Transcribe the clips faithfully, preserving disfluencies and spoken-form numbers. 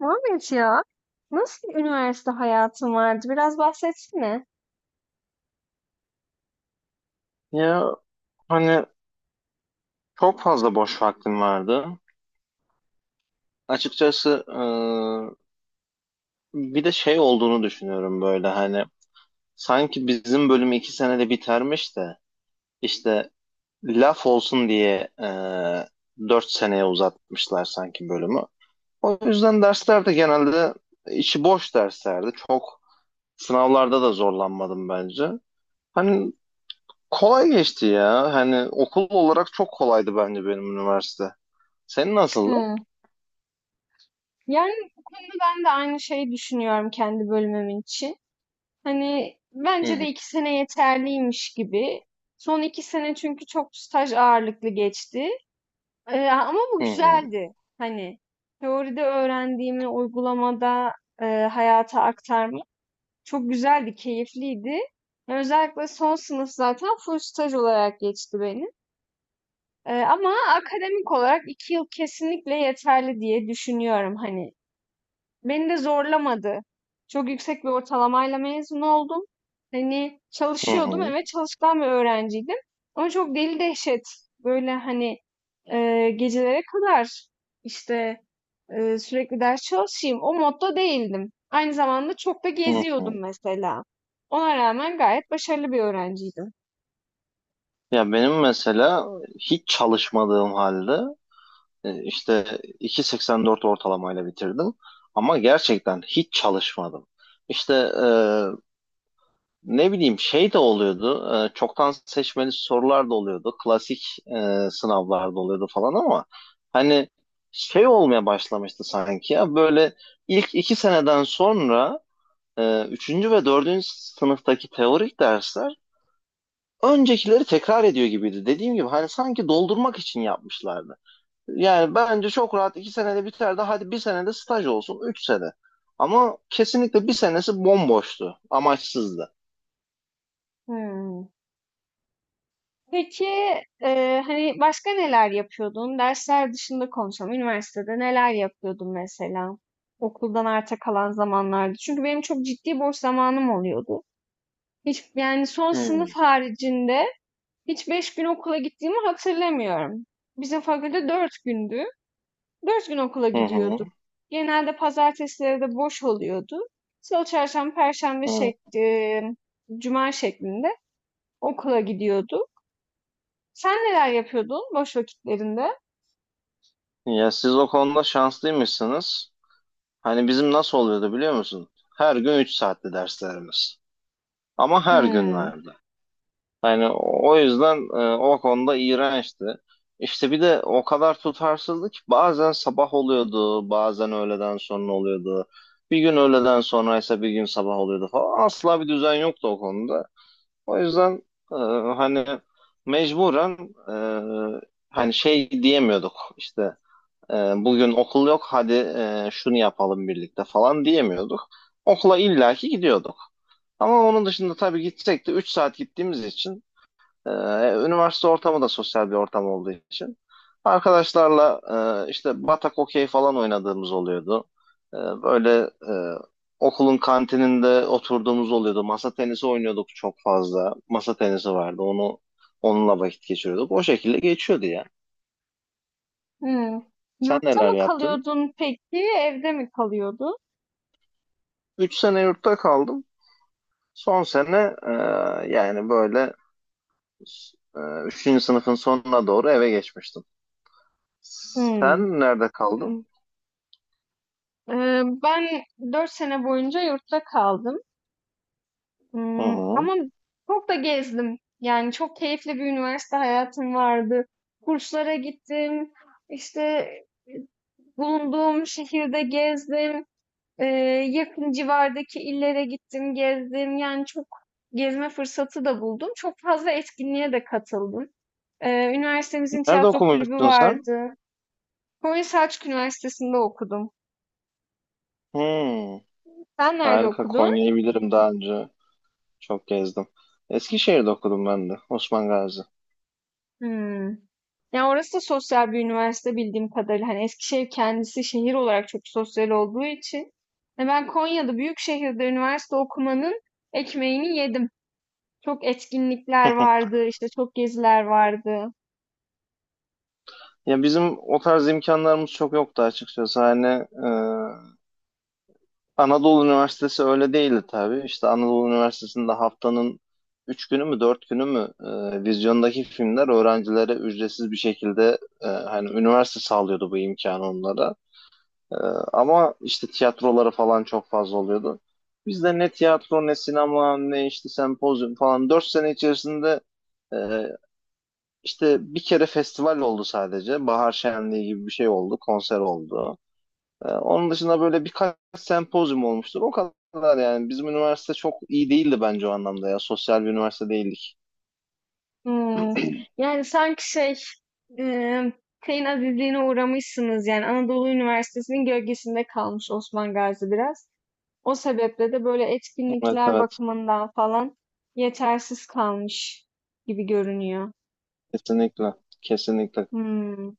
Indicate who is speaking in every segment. Speaker 1: Muhammed ya, nasıl bir üniversite hayatın vardı? Biraz bahsetsene.
Speaker 2: Ya, hani çok fazla boş vaktim vardı. Açıkçası e, bir de şey olduğunu düşünüyorum böyle hani sanki bizim bölüm iki senede bitermiş de işte laf olsun diye e, dört seneye uzatmışlar sanki bölümü. O yüzden derslerde genelde içi boş derslerdi. Çok sınavlarda da zorlanmadım bence. Hani kolay geçti ya. Hani okul olarak çok kolaydı bence benim üniversite. Senin nasıldı?
Speaker 1: Hı. Yani bu konuda ben de aynı şeyi düşünüyorum kendi bölümüm için. Hani
Speaker 2: Hı
Speaker 1: bence de
Speaker 2: hı.
Speaker 1: iki sene yeterliymiş gibi. Son iki sene çünkü çok staj ağırlıklı geçti. Ee, ama bu
Speaker 2: Hı hı.
Speaker 1: güzeldi. Hani teoride öğrendiğimi uygulamada e, hayata aktarmak çok güzeldi, keyifliydi. Özellikle son sınıf zaten full staj olarak geçti benim. Eee, ama akademik olarak iki yıl kesinlikle yeterli diye düşünüyorum hani. Beni de zorlamadı. Çok yüksek bir ortalamayla mezun oldum. Hani
Speaker 2: Hı
Speaker 1: çalışıyordum,
Speaker 2: hı,
Speaker 1: evet çalışkan bir öğrenciydim. Ama çok deli dehşet böyle hani eee, gecelere kadar işte eee, sürekli ders çalışayım o modda değildim. Aynı zamanda çok da
Speaker 2: hı hı.
Speaker 1: geziyordum mesela. Ona rağmen gayet başarılı bir öğrenciydim.
Speaker 2: Ya, benim mesela hiç çalışmadığım halde e, işte iki virgül seksen dört ortalamayla bitirdim. Ama gerçekten hiç çalışmadım. İşte e, ne bileyim şey de oluyordu. e, çoktan seçmeli sorular da oluyordu. Klasik e, sınavlar da oluyordu falan ama hani şey olmaya başlamıştı sanki ya böyle ilk iki seneden sonra e, üçüncü ve dördüncü sınıftaki teorik dersler öncekileri tekrar ediyor gibiydi. Dediğim gibi hani sanki doldurmak için yapmışlardı. Yani bence çok rahat iki senede biterdi. Hadi bir senede staj olsun. Üç sene. Ama kesinlikle bir senesi bomboştu. Amaçsızdı.
Speaker 1: Hmm. Peki, eee, hani başka neler yapıyordun? Dersler dışında konuşalım. Üniversitede neler yapıyordun mesela? Okuldan arta kalan zamanlarda. Çünkü benim çok ciddi boş zamanım oluyordu. Hiç yani son sınıf
Speaker 2: Hmm.
Speaker 1: haricinde hiç beş gün okula gittiğimi hatırlamıyorum. Bizim fakülte dört gündü. Dört gün okula
Speaker 2: Hı hı.
Speaker 1: gidiyorduk. Genelde pazartesileri de boş oluyordu. Salı, çarşamba, perşembe
Speaker 2: Hı.
Speaker 1: şekli, cuma şeklinde okula gidiyordu. Sen neler yapıyordun boş vakitlerinde?
Speaker 2: Ya, siz o konuda şanslıymışsınız. Hani bizim nasıl oluyordu biliyor musun? Her gün üç saatli derslerimiz. Ama her gün
Speaker 1: Hmm,
Speaker 2: vardı. Hani o yüzden e, o konuda iğrençti. İşte bir de o kadar tutarsızdı ki bazen sabah oluyordu, bazen öğleden sonra oluyordu. Bir gün öğleden sonraysa bir gün sabah oluyordu falan. Asla bir düzen yoktu o konuda. O yüzden e, hani mecburen e, hani şey diyemiyorduk işte e, bugün okul yok, hadi e, şunu yapalım birlikte falan diyemiyorduk. Okula illaki gidiyorduk. Ama onun dışında tabii gitsek de üç saat gittiğimiz için ee, üniversite ortamı da sosyal bir ortam olduğu için arkadaşlarla e, işte batak okey falan oynadığımız oluyordu. E, böyle e, okulun kantininde oturduğumuz oluyordu. Masa tenisi oynuyorduk çok fazla. Masa tenisi vardı. Onu onunla vakit geçiriyorduk. O şekilde geçiyordu ya.
Speaker 1: hmm.
Speaker 2: Sen
Speaker 1: Yurtta
Speaker 2: neler
Speaker 1: mı
Speaker 2: yaptın?
Speaker 1: kalıyordun peki, evde mi kalıyordun?
Speaker 2: Üç sene yurtta kaldım. Son sene e, yani böyle e, üçüncü sınıfın sonuna doğru eve geçmiştim.
Speaker 1: Hmm.
Speaker 2: Sen nerede kaldın?
Speaker 1: Ee, ben dört sene boyunca yurtta kaldım.
Speaker 2: Hı
Speaker 1: Hmm,
Speaker 2: hı.
Speaker 1: ama çok da gezdim. Yani çok keyifli bir üniversite hayatım vardı. Kurslara gittim. İşte bulunduğum şehirde gezdim. Eee, Yakın civardaki illere gittim, gezdim. Yani çok gezme fırsatı da buldum. Çok fazla etkinliğe de katıldım. Eee, üniversitemizin
Speaker 2: Nerede
Speaker 1: tiyatro kulübü
Speaker 2: okumuştun sen?
Speaker 1: vardı. Konya Selçuk Üniversitesi'nde okudum.
Speaker 2: Hmm,
Speaker 1: Sen nerede
Speaker 2: harika.
Speaker 1: okudun?
Speaker 2: Konya'yı bilirim daha önce. Çok gezdim. Eskişehir'de okudum ben de. Osman Gazi.
Speaker 1: Hmm. Ya orası da sosyal bir üniversite bildiğim kadarıyla. Hani Eskişehir kendisi şehir olarak çok sosyal olduğu için. E ben Konya'da büyük şehirde üniversite okumanın ekmeğini yedim. Çok etkinlikler vardı, işte çok geziler vardı.
Speaker 2: Ya, bizim o tarz imkanlarımız çok yoktu açıkçası. Hani e, Anadolu Üniversitesi öyle değildi tabii. İşte Anadolu Üniversitesi'nde haftanın üç günü mü dört günü mü e, vizyondaki filmler öğrencilere ücretsiz bir şekilde e, hani üniversite sağlıyordu bu imkanı onlara. Ee, ama işte tiyatroları falan çok fazla oluyordu. Biz de ne tiyatro ne sinema ne işte sempozyum falan dört sene içerisinde e, işte bir kere festival oldu sadece. Bahar Şenliği gibi bir şey oldu. Konser oldu. Ee, onun dışında böyle birkaç sempozyum olmuştur. O kadar yani. Bizim üniversite çok iyi değildi bence o anlamda ya. Sosyal bir üniversite değildik.
Speaker 1: Hımm. Yani, sanki şey, emm, şeyin azizliğine uğramışsınız, yani, Anadolu Üniversitesi'nin gölgesinde kalmış Osman Gazi biraz. O sebeple de böyle
Speaker 2: Evet,
Speaker 1: etkinlikler
Speaker 2: evet.
Speaker 1: bakımından falan yetersiz kalmış gibi görünüyor.
Speaker 2: Kesinlikle. Kesinlikle.
Speaker 1: Hımm,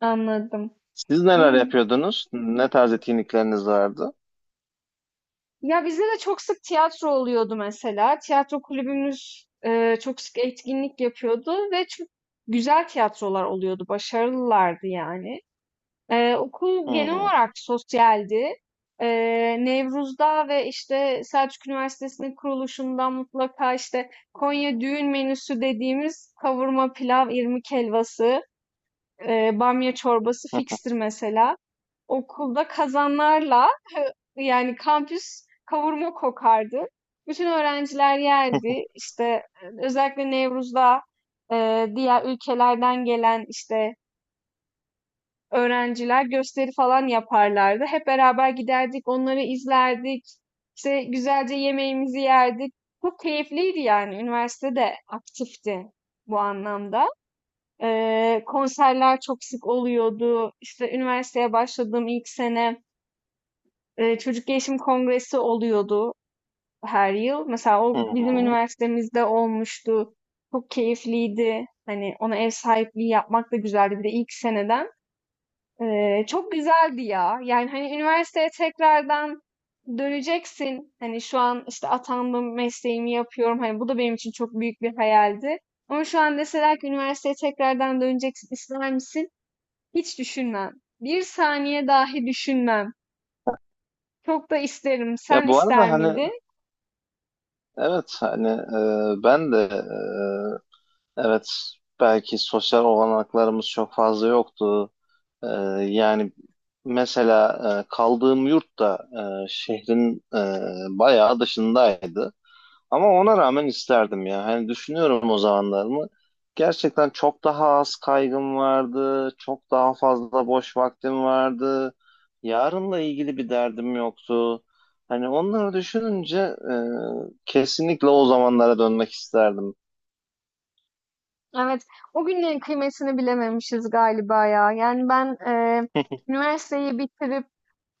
Speaker 1: anladım.
Speaker 2: Siz neler
Speaker 1: Imm,
Speaker 2: yapıyordunuz? Ne tarz etkinlikleriniz vardı?
Speaker 1: ya, bizde de çok sık tiyatro oluyordu mesela. Tiyatro kulübümüz, eee, çok sık etkinlik yapıyordu ve çok güzel tiyatrolar oluyordu, başarılılardı yani. Eee, okul genel
Speaker 2: Hmm.
Speaker 1: olarak sosyaldi. Eee, Nevruz'da ve işte Selçuk Üniversitesi'nin kuruluşundan mutlaka işte Konya düğün menüsü dediğimiz kavurma, pilav, irmik helvası, eee, bamya çorbası fikstir mesela. Okulda kazanlarla yani kampüs kavurma kokardı. Bütün öğrenciler yerdi. İşte e, özellikle Nevruz'da e, diğer ülkelerden gelen işte öğrenciler gösteri falan yaparlardı. Hep beraber giderdik, onları izlerdik. İşte güzelce yemeğimizi yerdik. Çok keyifliydi yani. Üniversite de aktifti bu anlamda. Ee, konserler çok sık oluyordu. İşte üniversiteye başladığım ilk sene e, çocuk gelişim kongresi oluyordu her yıl. Mesela o bizim üniversitemizde olmuştu. Çok keyifliydi. Hani ona ev sahipliği yapmak da güzeldi. Bir de ilk seneden. Eee, çok güzeldi ya. Yani hani üniversiteye tekrardan döneceksin. Hani şu an işte atandım, mesleğimi yapıyorum. Hani bu da benim için çok büyük bir hayaldi. Ama şu an deseler ki üniversiteye tekrardan döneceksin, ister misin? Hiç düşünmem. Bir saniye dahi düşünmem. Çok da isterim.
Speaker 2: Ya,
Speaker 1: Sen
Speaker 2: bu arada
Speaker 1: ister
Speaker 2: hani
Speaker 1: miydin?
Speaker 2: evet hani e, ben de e, evet belki sosyal olanaklarımız çok fazla yoktu. E, yani mesela e, kaldığım yurt da e, şehrin e, bayağı dışındaydı. Ama ona rağmen isterdim ya. Hani düşünüyorum o zamanlarımı. Gerçekten çok daha az kaygım vardı. Çok daha fazla boş vaktim vardı. Yarınla ilgili bir derdim yoktu. Hani onları düşününce e, kesinlikle o zamanlara dönmek isterdim.
Speaker 1: Evet. O günlerin kıymetini bilememişiz galiba ya. Yani ben eee, üniversiteyi bitirip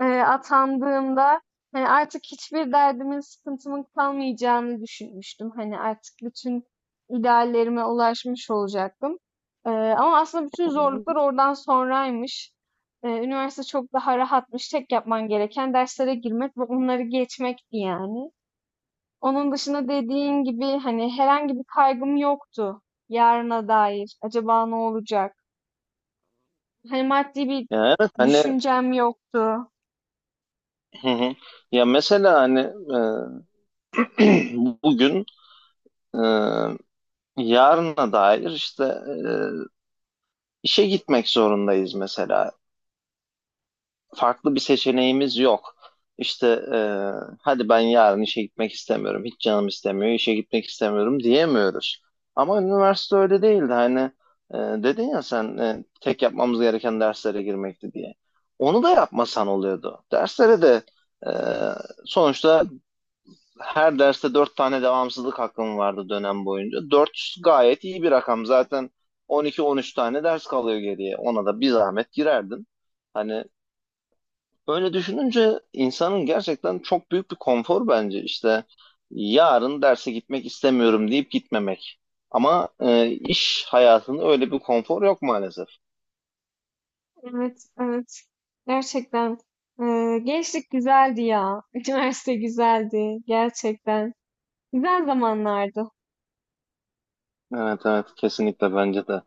Speaker 1: eee, atandığımda hani artık hiçbir derdimin, sıkıntımın kalmayacağını düşünmüştüm. Hani artık bütün ideallerime ulaşmış olacaktım. Eee, ama aslında bütün zorluklar oradan sonraymış. Eee, üniversite çok daha rahatmış. Tek yapman gereken derslere girmek ve onları geçmekti yani. Onun dışında dediğin gibi hani herhangi bir kaygım yoktu yarına dair. Acaba ne olacak? Hani maddi bir
Speaker 2: Ya, evet hani,
Speaker 1: düşüncem yoktu.
Speaker 2: hı hı. Ya mesela hani e, bugün e, yarına dair işte e, işe gitmek zorundayız mesela. Farklı bir seçeneğimiz yok. İşte e, hadi ben yarın işe gitmek istemiyorum, hiç canım istemiyor, işe gitmek istemiyorum diyemiyoruz. Ama üniversite öyle değildi. Hani e, dedin ya sen e, tek yapmamız gereken derslere girmekti diye. Onu da yapmasan oluyordu. Derslere de e, sonuçta her derste dört tane devamsızlık hakkım vardı dönem boyunca. Dört gayet iyi bir rakam. Zaten on iki on üç tane ders kalıyor geriye. Ona da bir zahmet girerdin. Hani böyle düşününce insanın gerçekten çok büyük bir konfor bence işte yarın derse gitmek istemiyorum deyip gitmemek. Ama e, iş hayatında öyle bir konfor yok maalesef.
Speaker 1: Evet, evet. Gerçekten. Eee, gençlik güzeldi ya. Üniversite güzeldi. Gerçekten. Güzel zamanlardı.
Speaker 2: Evet, evet, kesinlikle bence de.